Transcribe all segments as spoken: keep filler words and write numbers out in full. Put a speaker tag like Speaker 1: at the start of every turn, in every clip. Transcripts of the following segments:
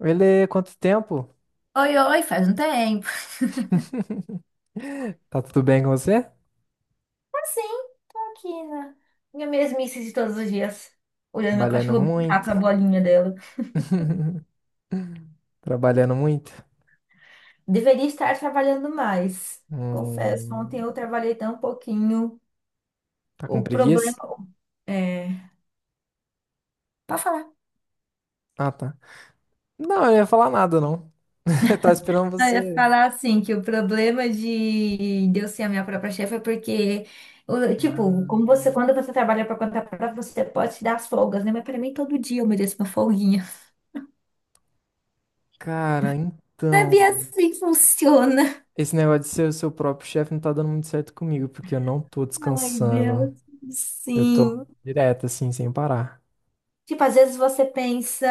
Speaker 1: Ele, quanto tempo?
Speaker 2: Oi, oi, faz um tempo.
Speaker 1: Tá tudo bem com você?
Speaker 2: Assim, tô aqui na minha mesmice de todos os dias, olhando meu
Speaker 1: Trabalhando
Speaker 2: cachorro brincar com
Speaker 1: muito?
Speaker 2: a bolinha dela.
Speaker 1: Trabalhando muito?
Speaker 2: Deveria estar trabalhando mais. Confesso, ontem
Speaker 1: Hum,
Speaker 2: eu trabalhei tão pouquinho.
Speaker 1: tá
Speaker 2: O
Speaker 1: com preguiça?
Speaker 2: problema é. Pode falar.
Speaker 1: Ah, tá. Não, eu não ia falar nada, não. Eu tava esperando
Speaker 2: Ah, eu ia
Speaker 1: você.
Speaker 2: falar assim, que o problema de, de eu ser a minha própria chefe é porque, o- tipo, como você,
Speaker 1: Ah,
Speaker 2: quando você trabalha para conta própria, você pode se dar as folgas, né? Mas para mim, todo dia eu mereço uma folguinha.
Speaker 1: cara,
Speaker 2: Sabia
Speaker 1: então.
Speaker 2: assim que funciona.
Speaker 1: Esse negócio de ser o seu próprio chefe não tá dando muito certo comigo, porque eu não tô
Speaker 2: Ai,
Speaker 1: descansando.
Speaker 2: Deus.
Speaker 1: Eu tô
Speaker 2: Sim.
Speaker 1: direto, assim, sem parar.
Speaker 2: Tipo, às vezes você pensa,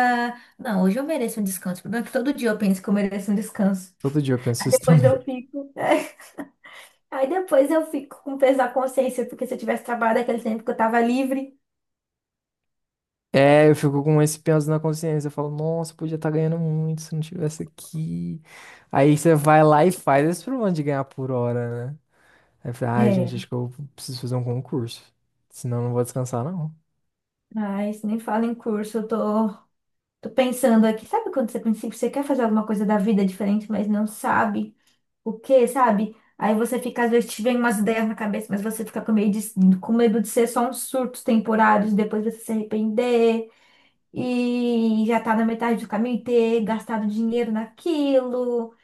Speaker 2: não, hoje eu mereço um descanso. O problema é que todo dia eu penso que eu mereço um descanso.
Speaker 1: Todo dia eu penso isso
Speaker 2: Depois
Speaker 1: também.
Speaker 2: eu fico. Aí depois eu fico com peso na consciência, porque se eu tivesse trabalhado aquele tempo que eu tava livre.
Speaker 1: É, eu fico com esse peso na consciência. Eu falo, nossa, podia estar ganhando muito se não tivesse aqui. Aí você vai lá e faz esse problema de ganhar por hora, né? Aí fala, ai, gente,
Speaker 2: É.
Speaker 1: acho que eu preciso fazer um concurso. Senão eu não vou descansar, não.
Speaker 2: Mas nem fala em curso, eu tô, tô pensando aqui. Sabe quando você pensa que você quer fazer alguma coisa da vida diferente, mas não sabe o quê, sabe? Aí você fica, às vezes te vem umas ideias na cabeça, mas você fica com medo de, com medo de ser só uns surtos temporários, depois você se arrepender e já tá na metade do caminho e ter gastado dinheiro naquilo.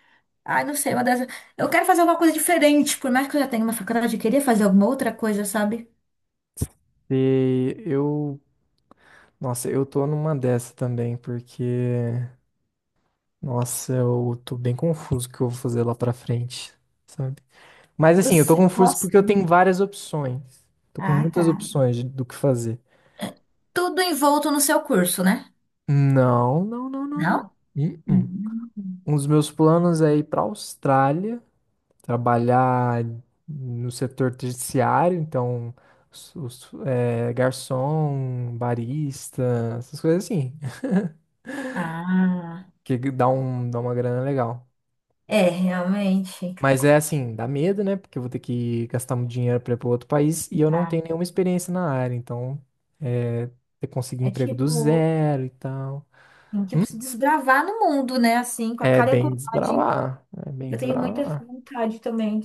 Speaker 2: Ai, não sei, uma das. Eu quero fazer alguma coisa diferente, por mais que eu já tenha uma faculdade, eu queria fazer alguma outra coisa, sabe?
Speaker 1: E eu, nossa, eu tô numa dessa também, porque, nossa, eu tô bem confuso o que eu vou fazer lá pra frente, sabe? Mas assim, eu tô
Speaker 2: Você
Speaker 1: confuso
Speaker 2: gosta?
Speaker 1: porque eu
Speaker 2: do-
Speaker 1: tenho várias opções. Tô com
Speaker 2: Ah, tá.
Speaker 1: muitas opções de- do que fazer.
Speaker 2: Tudo envolto no seu curso, né?
Speaker 1: Não, não, não, não, não.
Speaker 2: Não?
Speaker 1: Uh-uh.
Speaker 2: Hum.
Speaker 1: Um dos meus planos é ir para a Austrália, trabalhar no setor terciário, então os- os, é, garçom, barista, essas coisas assim.
Speaker 2: Ah,
Speaker 1: Que dá um, dá uma grana legal.
Speaker 2: é, realmente.
Speaker 1: Mas é assim, dá medo, né? Porque eu vou ter que gastar muito dinheiro para ir para outro país e eu não
Speaker 2: Ah,
Speaker 1: tenho nenhuma experiência na área, então é, ter que conseguir
Speaker 2: é
Speaker 1: emprego do
Speaker 2: tipo.
Speaker 1: zero e tal.
Speaker 2: Tipo, se desbravar no mundo, né? Assim, com a
Speaker 1: É
Speaker 2: cara e a
Speaker 1: bem
Speaker 2: coragem.
Speaker 1: desbravar, é bem
Speaker 2: Eu tenho muita essa
Speaker 1: desbravar.
Speaker 2: vontade também.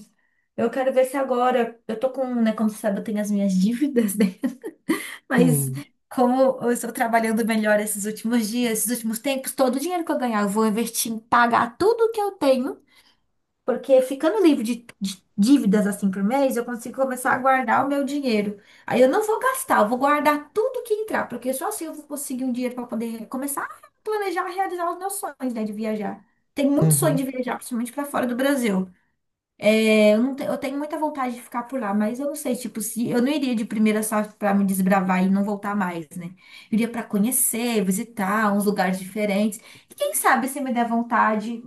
Speaker 2: Eu quero ver se agora. Eu tô com, né? Como você sabe, eu tenho as minhas dívidas, né? Mas
Speaker 1: Hum.
Speaker 2: como eu estou trabalhando melhor esses últimos dias, esses últimos tempos, todo o dinheiro que eu ganhar, eu vou investir em pagar tudo que eu tenho. Porque ficando livre de, de dívidas assim por mês, eu consigo começar a guardar o meu dinheiro. Aí eu não vou gastar, eu vou guardar tudo que entrar, porque só assim eu vou conseguir um dinheiro para poder começar a planejar, realizar os meus sonhos, né, de viajar. Tem muito sonho de
Speaker 1: Uhum.
Speaker 2: viajar, principalmente para fora do Brasil. É, eu não te- eu tenho muita vontade de ficar por lá, mas eu não sei, tipo, se eu não iria de primeira só para me desbravar e não voltar mais, né? Eu iria para conhecer, visitar uns lugares diferentes. E quem sabe se me der vontade.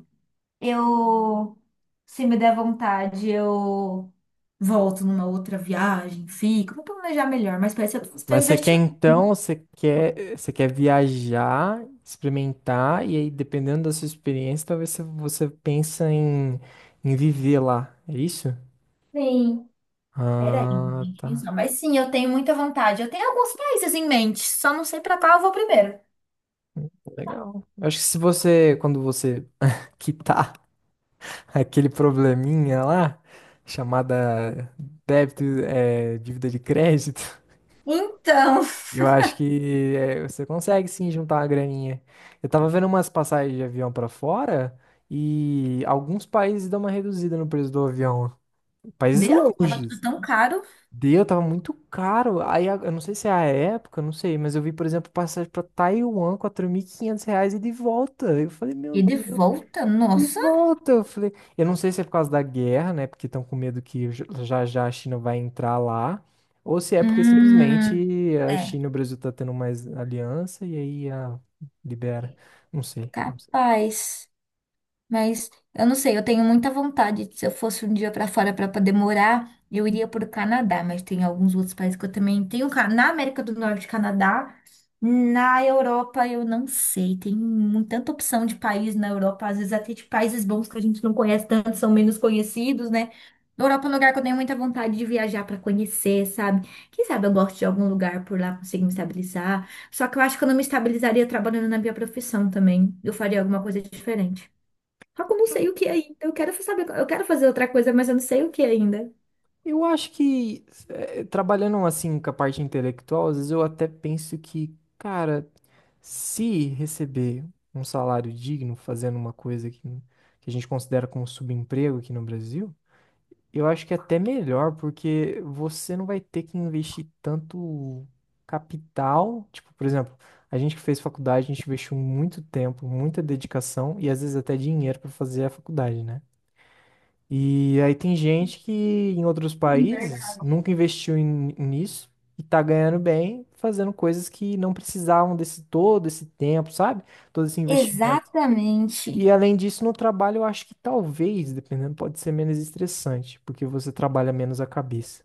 Speaker 2: Eu, se me der vontade, eu volto numa outra viagem, fico, vou planejar melhor, mas parece que eu estou
Speaker 1: Mas você quer
Speaker 2: investindo.
Speaker 1: então, você quer, você quer viajar, experimentar, e aí dependendo da sua experiência, talvez você, você pensa em, em viver lá. É isso?
Speaker 2: Sim, peraí,
Speaker 1: Ah,
Speaker 2: tem que
Speaker 1: tá.
Speaker 2: pensar. Mas sim, eu tenho muita vontade. Eu tenho alguns países em mente, só não sei pra qual eu vou primeiro.
Speaker 1: Legal. Eu acho que se você, quando você quitar aquele probleminha lá, chamada débito, é, dívida de crédito.
Speaker 2: Então,
Speaker 1: Eu acho que é, você consegue sim juntar uma graninha. Eu tava vendo umas passagens de avião pra fora e alguns países dão uma reduzida no preço do avião. Países
Speaker 2: Deu? Tava tudo
Speaker 1: longes.
Speaker 2: tão caro.
Speaker 1: Deu, tava muito caro. Aí a- eu não sei se é a época, eu não sei, mas eu vi, por exemplo, passagem pra Taiwan, quatro mil e quinhentos reais e de volta. Eu falei, meu
Speaker 2: E de
Speaker 1: Deus.
Speaker 2: volta,
Speaker 1: E
Speaker 2: nossa.
Speaker 1: volta, eu falei. Eu não sei se é por causa da guerra, né? Porque estão com medo que j- já já a China vai entrar lá, ou se é porque
Speaker 2: Hum,
Speaker 1: simplesmente a
Speaker 2: é,
Speaker 1: China e o Brasil tá tendo mais aliança e aí a libera. Não sei, não sei.
Speaker 2: capaz. Mas eu não sei, eu tenho muita vontade. Se eu fosse um dia pra fora pra poder morar, eu iria pro Canadá, mas tem alguns outros países que eu também tenho. ca- Na América do Norte, Canadá. Na Europa, eu não sei. Tem mu- tanta opção de país na Europa, às vezes até de países bons que a gente não conhece tanto, são menos conhecidos, né? Na Europa é um lugar que eu tenho muita vontade de viajar pra conhecer, sabe? Quem sabe eu gosto de algum lugar por lá, consigo me estabilizar. Só que eu acho que eu não me estabilizaria trabalhando na minha profissão também. Eu faria alguma coisa diferente. Só que eu não sei o que ainda. Eu quero saber, eu quero fazer outra coisa, mas eu não sei o que ainda.
Speaker 1: Eu acho que eh, trabalhando assim com a parte intelectual, às vezes eu até penso que, cara, se receber um salário digno fazendo uma coisa que, que a gente considera como subemprego aqui no Brasil. Eu acho que é até melhor, porque você não vai ter que investir tanto capital. Tipo, por exemplo, a gente que fez faculdade, a gente investiu muito tempo, muita dedicação e às vezes até dinheiro para fazer a faculdade, né? E aí tem gente que em outros
Speaker 2: Sim,
Speaker 1: países
Speaker 2: verdade.
Speaker 1: nunca investiu em- nisso e tá ganhando bem fazendo coisas que não precisavam desse todo esse tempo, sabe? Todo esse investimento.
Speaker 2: Exatamente.
Speaker 1: E além disso, no trabalho, eu acho que talvez, dependendo, pode ser menos estressante, porque você trabalha menos a cabeça,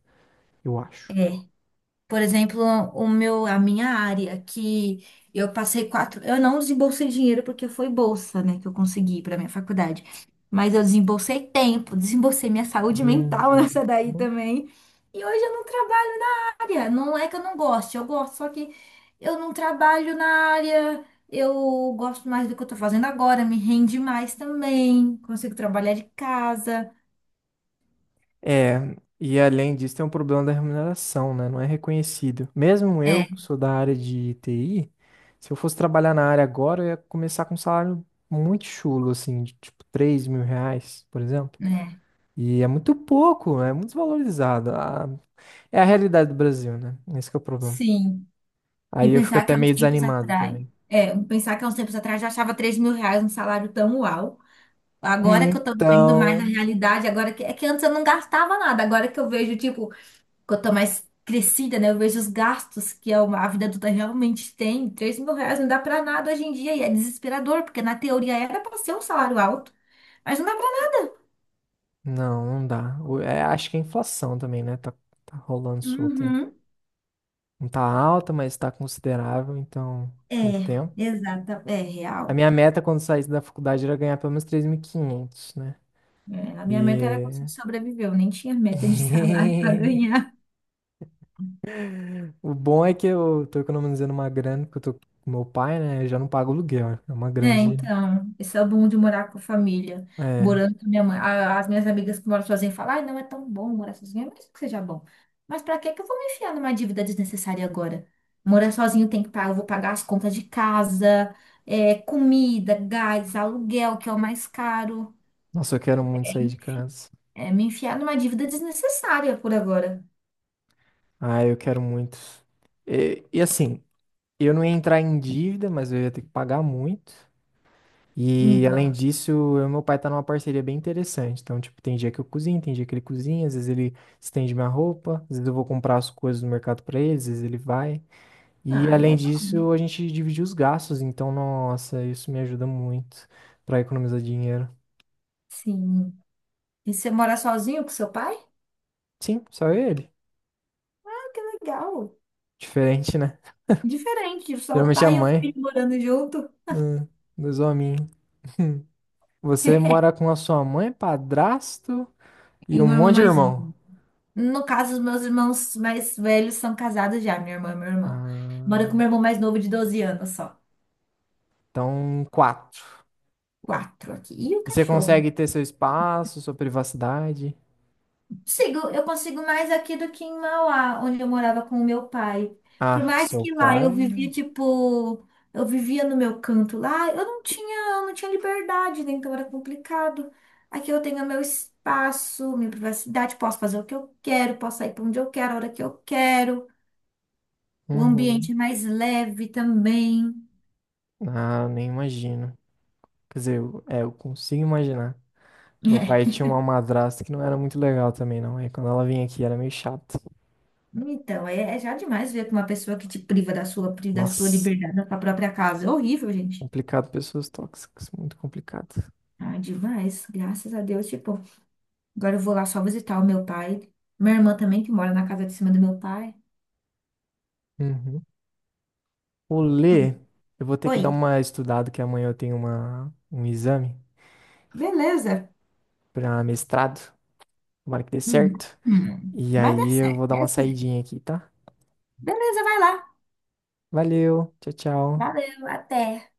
Speaker 1: eu
Speaker 2: É.
Speaker 1: acho.
Speaker 2: Por exemplo, o meu, a minha área, que eu passei quatro. Eu não desembolsei dinheiro porque foi bolsa, né, que eu consegui para minha faculdade. Mas eu desembolsei tempo, desembolsei minha saúde mental
Speaker 1: Uhum.
Speaker 2: nessa daí também. E hoje eu não trabalho. Área. Não é que eu não goste, eu gosto, só que eu não trabalho na área. Eu gosto mais do que eu tô fazendo agora, me rende mais também. Consigo trabalhar de casa.
Speaker 1: É, e além disso, tem um problema da remuneração, né? Não é reconhecido. Mesmo eu,
Speaker 2: É,
Speaker 1: que sou da área de T I, se eu fosse trabalhar na área agora, eu ia começar com um salário muito chulo, assim, de tipo três mil reais, por exemplo.
Speaker 2: né?
Speaker 1: E é muito pouco, é muito desvalorizado. A- É a realidade do Brasil, né? Esse que é o problema.
Speaker 2: Sim. E
Speaker 1: Aí eu fico
Speaker 2: pensar que
Speaker 1: até
Speaker 2: há uns
Speaker 1: meio
Speaker 2: tempos
Speaker 1: desanimado
Speaker 2: atrás.
Speaker 1: também.
Speaker 2: É, pensar que há uns tempos atrás já achava três mil reais um salário tão uau. Agora que eu tô vendo mais a
Speaker 1: Então,
Speaker 2: realidade, agora que é que antes eu não gastava nada, agora que eu vejo, tipo, quanto mais crescida, né? Eu vejo os gastos que a a vida adulta realmente tem. Três mil reais não dá pra nada hoje em dia e é desesperador, porque na teoria era pra ser um salário alto, mas não dá pra nada.
Speaker 1: não, não dá. O- é, acho que a inflação também, né? Tá, tá rolando solta aí.
Speaker 2: Uhum.
Speaker 1: Não tá alta, mas tá considerável, então, com o
Speaker 2: É,
Speaker 1: tempo.
Speaker 2: exata, é real.
Speaker 1: A minha meta quando saísse da faculdade era ganhar pelo menos três mil e quinhentos, né?
Speaker 2: É, a minha meta era
Speaker 1: E
Speaker 2: conseguir sobreviver, eu nem tinha meta de salário pra ganhar.
Speaker 1: o bom é que eu tô economizando uma grana, porque eu tô com meu pai, né? Eu já não pago aluguel, né? É uma
Speaker 2: É,
Speaker 1: grande.
Speaker 2: então, esse é o bom de morar com a família,
Speaker 1: É.
Speaker 2: morando com minha mãe. A- As minhas amigas que moram sozinhas falam, ai, não é tão bom morar sozinha, mesmo que seja bom. Mas pra que que eu vou me enfiar numa dívida desnecessária agora? Morar sozinho tem que pagar, eu vou pagar as contas de casa, é, comida, gás, aluguel, que é o mais caro.
Speaker 1: Nossa, eu quero muito
Speaker 2: É,
Speaker 1: sair de casa.
Speaker 2: é me enfiar numa dívida desnecessária por agora.
Speaker 1: Ah, eu quero muito. E, e assim, eu não ia entrar em dívida, mas eu ia ter que pagar muito. E além
Speaker 2: Então,
Speaker 1: disso, eu e meu pai tá numa parceria bem interessante. Então, tipo, tem dia que eu cozinho, tem dia que ele cozinha, às vezes ele estende minha roupa, às vezes eu vou comprar as coisas no mercado pra ele, às vezes ele vai. E
Speaker 2: ai,
Speaker 1: além
Speaker 2: é
Speaker 1: disso, a gente divide os gastos, então, nossa, isso me ajuda muito pra economizar dinheiro.
Speaker 2: sim. E você mora sozinho com seu pai?
Speaker 1: Sim, só ele.
Speaker 2: Ah, que legal.
Speaker 1: Diferente, né?
Speaker 2: Diferente, só o
Speaker 1: Geralmente a
Speaker 2: pai e o
Speaker 1: mãe,
Speaker 2: filho morando junto.
Speaker 1: hum, dos hominhos. Você mora com a sua mãe, padrasto e
Speaker 2: E o
Speaker 1: um
Speaker 2: meu irmão
Speaker 1: monte de
Speaker 2: mais
Speaker 1: irmão.
Speaker 2: novo. No caso, os meus irmãos mais velhos são casados já, minha irmã e meu irmão.
Speaker 1: Ah.
Speaker 2: Moro com meu irmão mais novo de doze anos só.
Speaker 1: Então, quatro.
Speaker 2: Quatro aqui. E o
Speaker 1: E você
Speaker 2: cachorro?
Speaker 1: consegue ter seu espaço, sua privacidade?
Speaker 2: Consigo, eu consigo mais aqui do que em Mauá, onde eu morava com o meu pai. Por
Speaker 1: Ah, com
Speaker 2: mais
Speaker 1: seu
Speaker 2: que lá eu
Speaker 1: pai?
Speaker 2: vivia, tipo, eu vivia no meu canto lá, eu não tinha, eu não tinha liberdade, né? Então era complicado. Aqui eu tenho meu espaço, minha privacidade, posso fazer o que eu quero, posso sair para onde eu quero, a hora que eu quero. O
Speaker 1: Uhum.
Speaker 2: ambiente é mais leve também.
Speaker 1: Ah, nem imagino. Quer dizer, eu- é, eu consigo imaginar. Meu pai
Speaker 2: É.
Speaker 1: tinha uma madrasta que não era muito legal também, não. Aí quando ela vinha aqui era meio chato.
Speaker 2: Então, é, é já demais ver que uma pessoa que te priva da sua, pri- da sua
Speaker 1: Nossa,
Speaker 2: liberdade na sua própria casa. É horrível, gente.
Speaker 1: complicado, pessoas tóxicas, muito complicado.
Speaker 2: Ah, demais. Graças a Deus. Tipo, agora eu vou lá só visitar o meu pai. Minha irmã também, que mora na casa de cima do meu pai.
Speaker 1: Uhum. O Lê,
Speaker 2: Hum.
Speaker 1: eu vou ter que dar
Speaker 2: Oi.
Speaker 1: uma estudada, que amanhã eu tenho uma, um exame
Speaker 2: Beleza.
Speaker 1: para mestrado. Tomara que dê
Speaker 2: Uhum.
Speaker 1: certo.
Speaker 2: Hum.
Speaker 1: E
Speaker 2: Vai dar
Speaker 1: aí eu
Speaker 2: certo.
Speaker 1: vou dar uma
Speaker 2: Deus quiser.
Speaker 1: saidinha aqui, tá?
Speaker 2: Beleza, vai lá.
Speaker 1: Valeu, tchau, tchau.
Speaker 2: Valeu, até.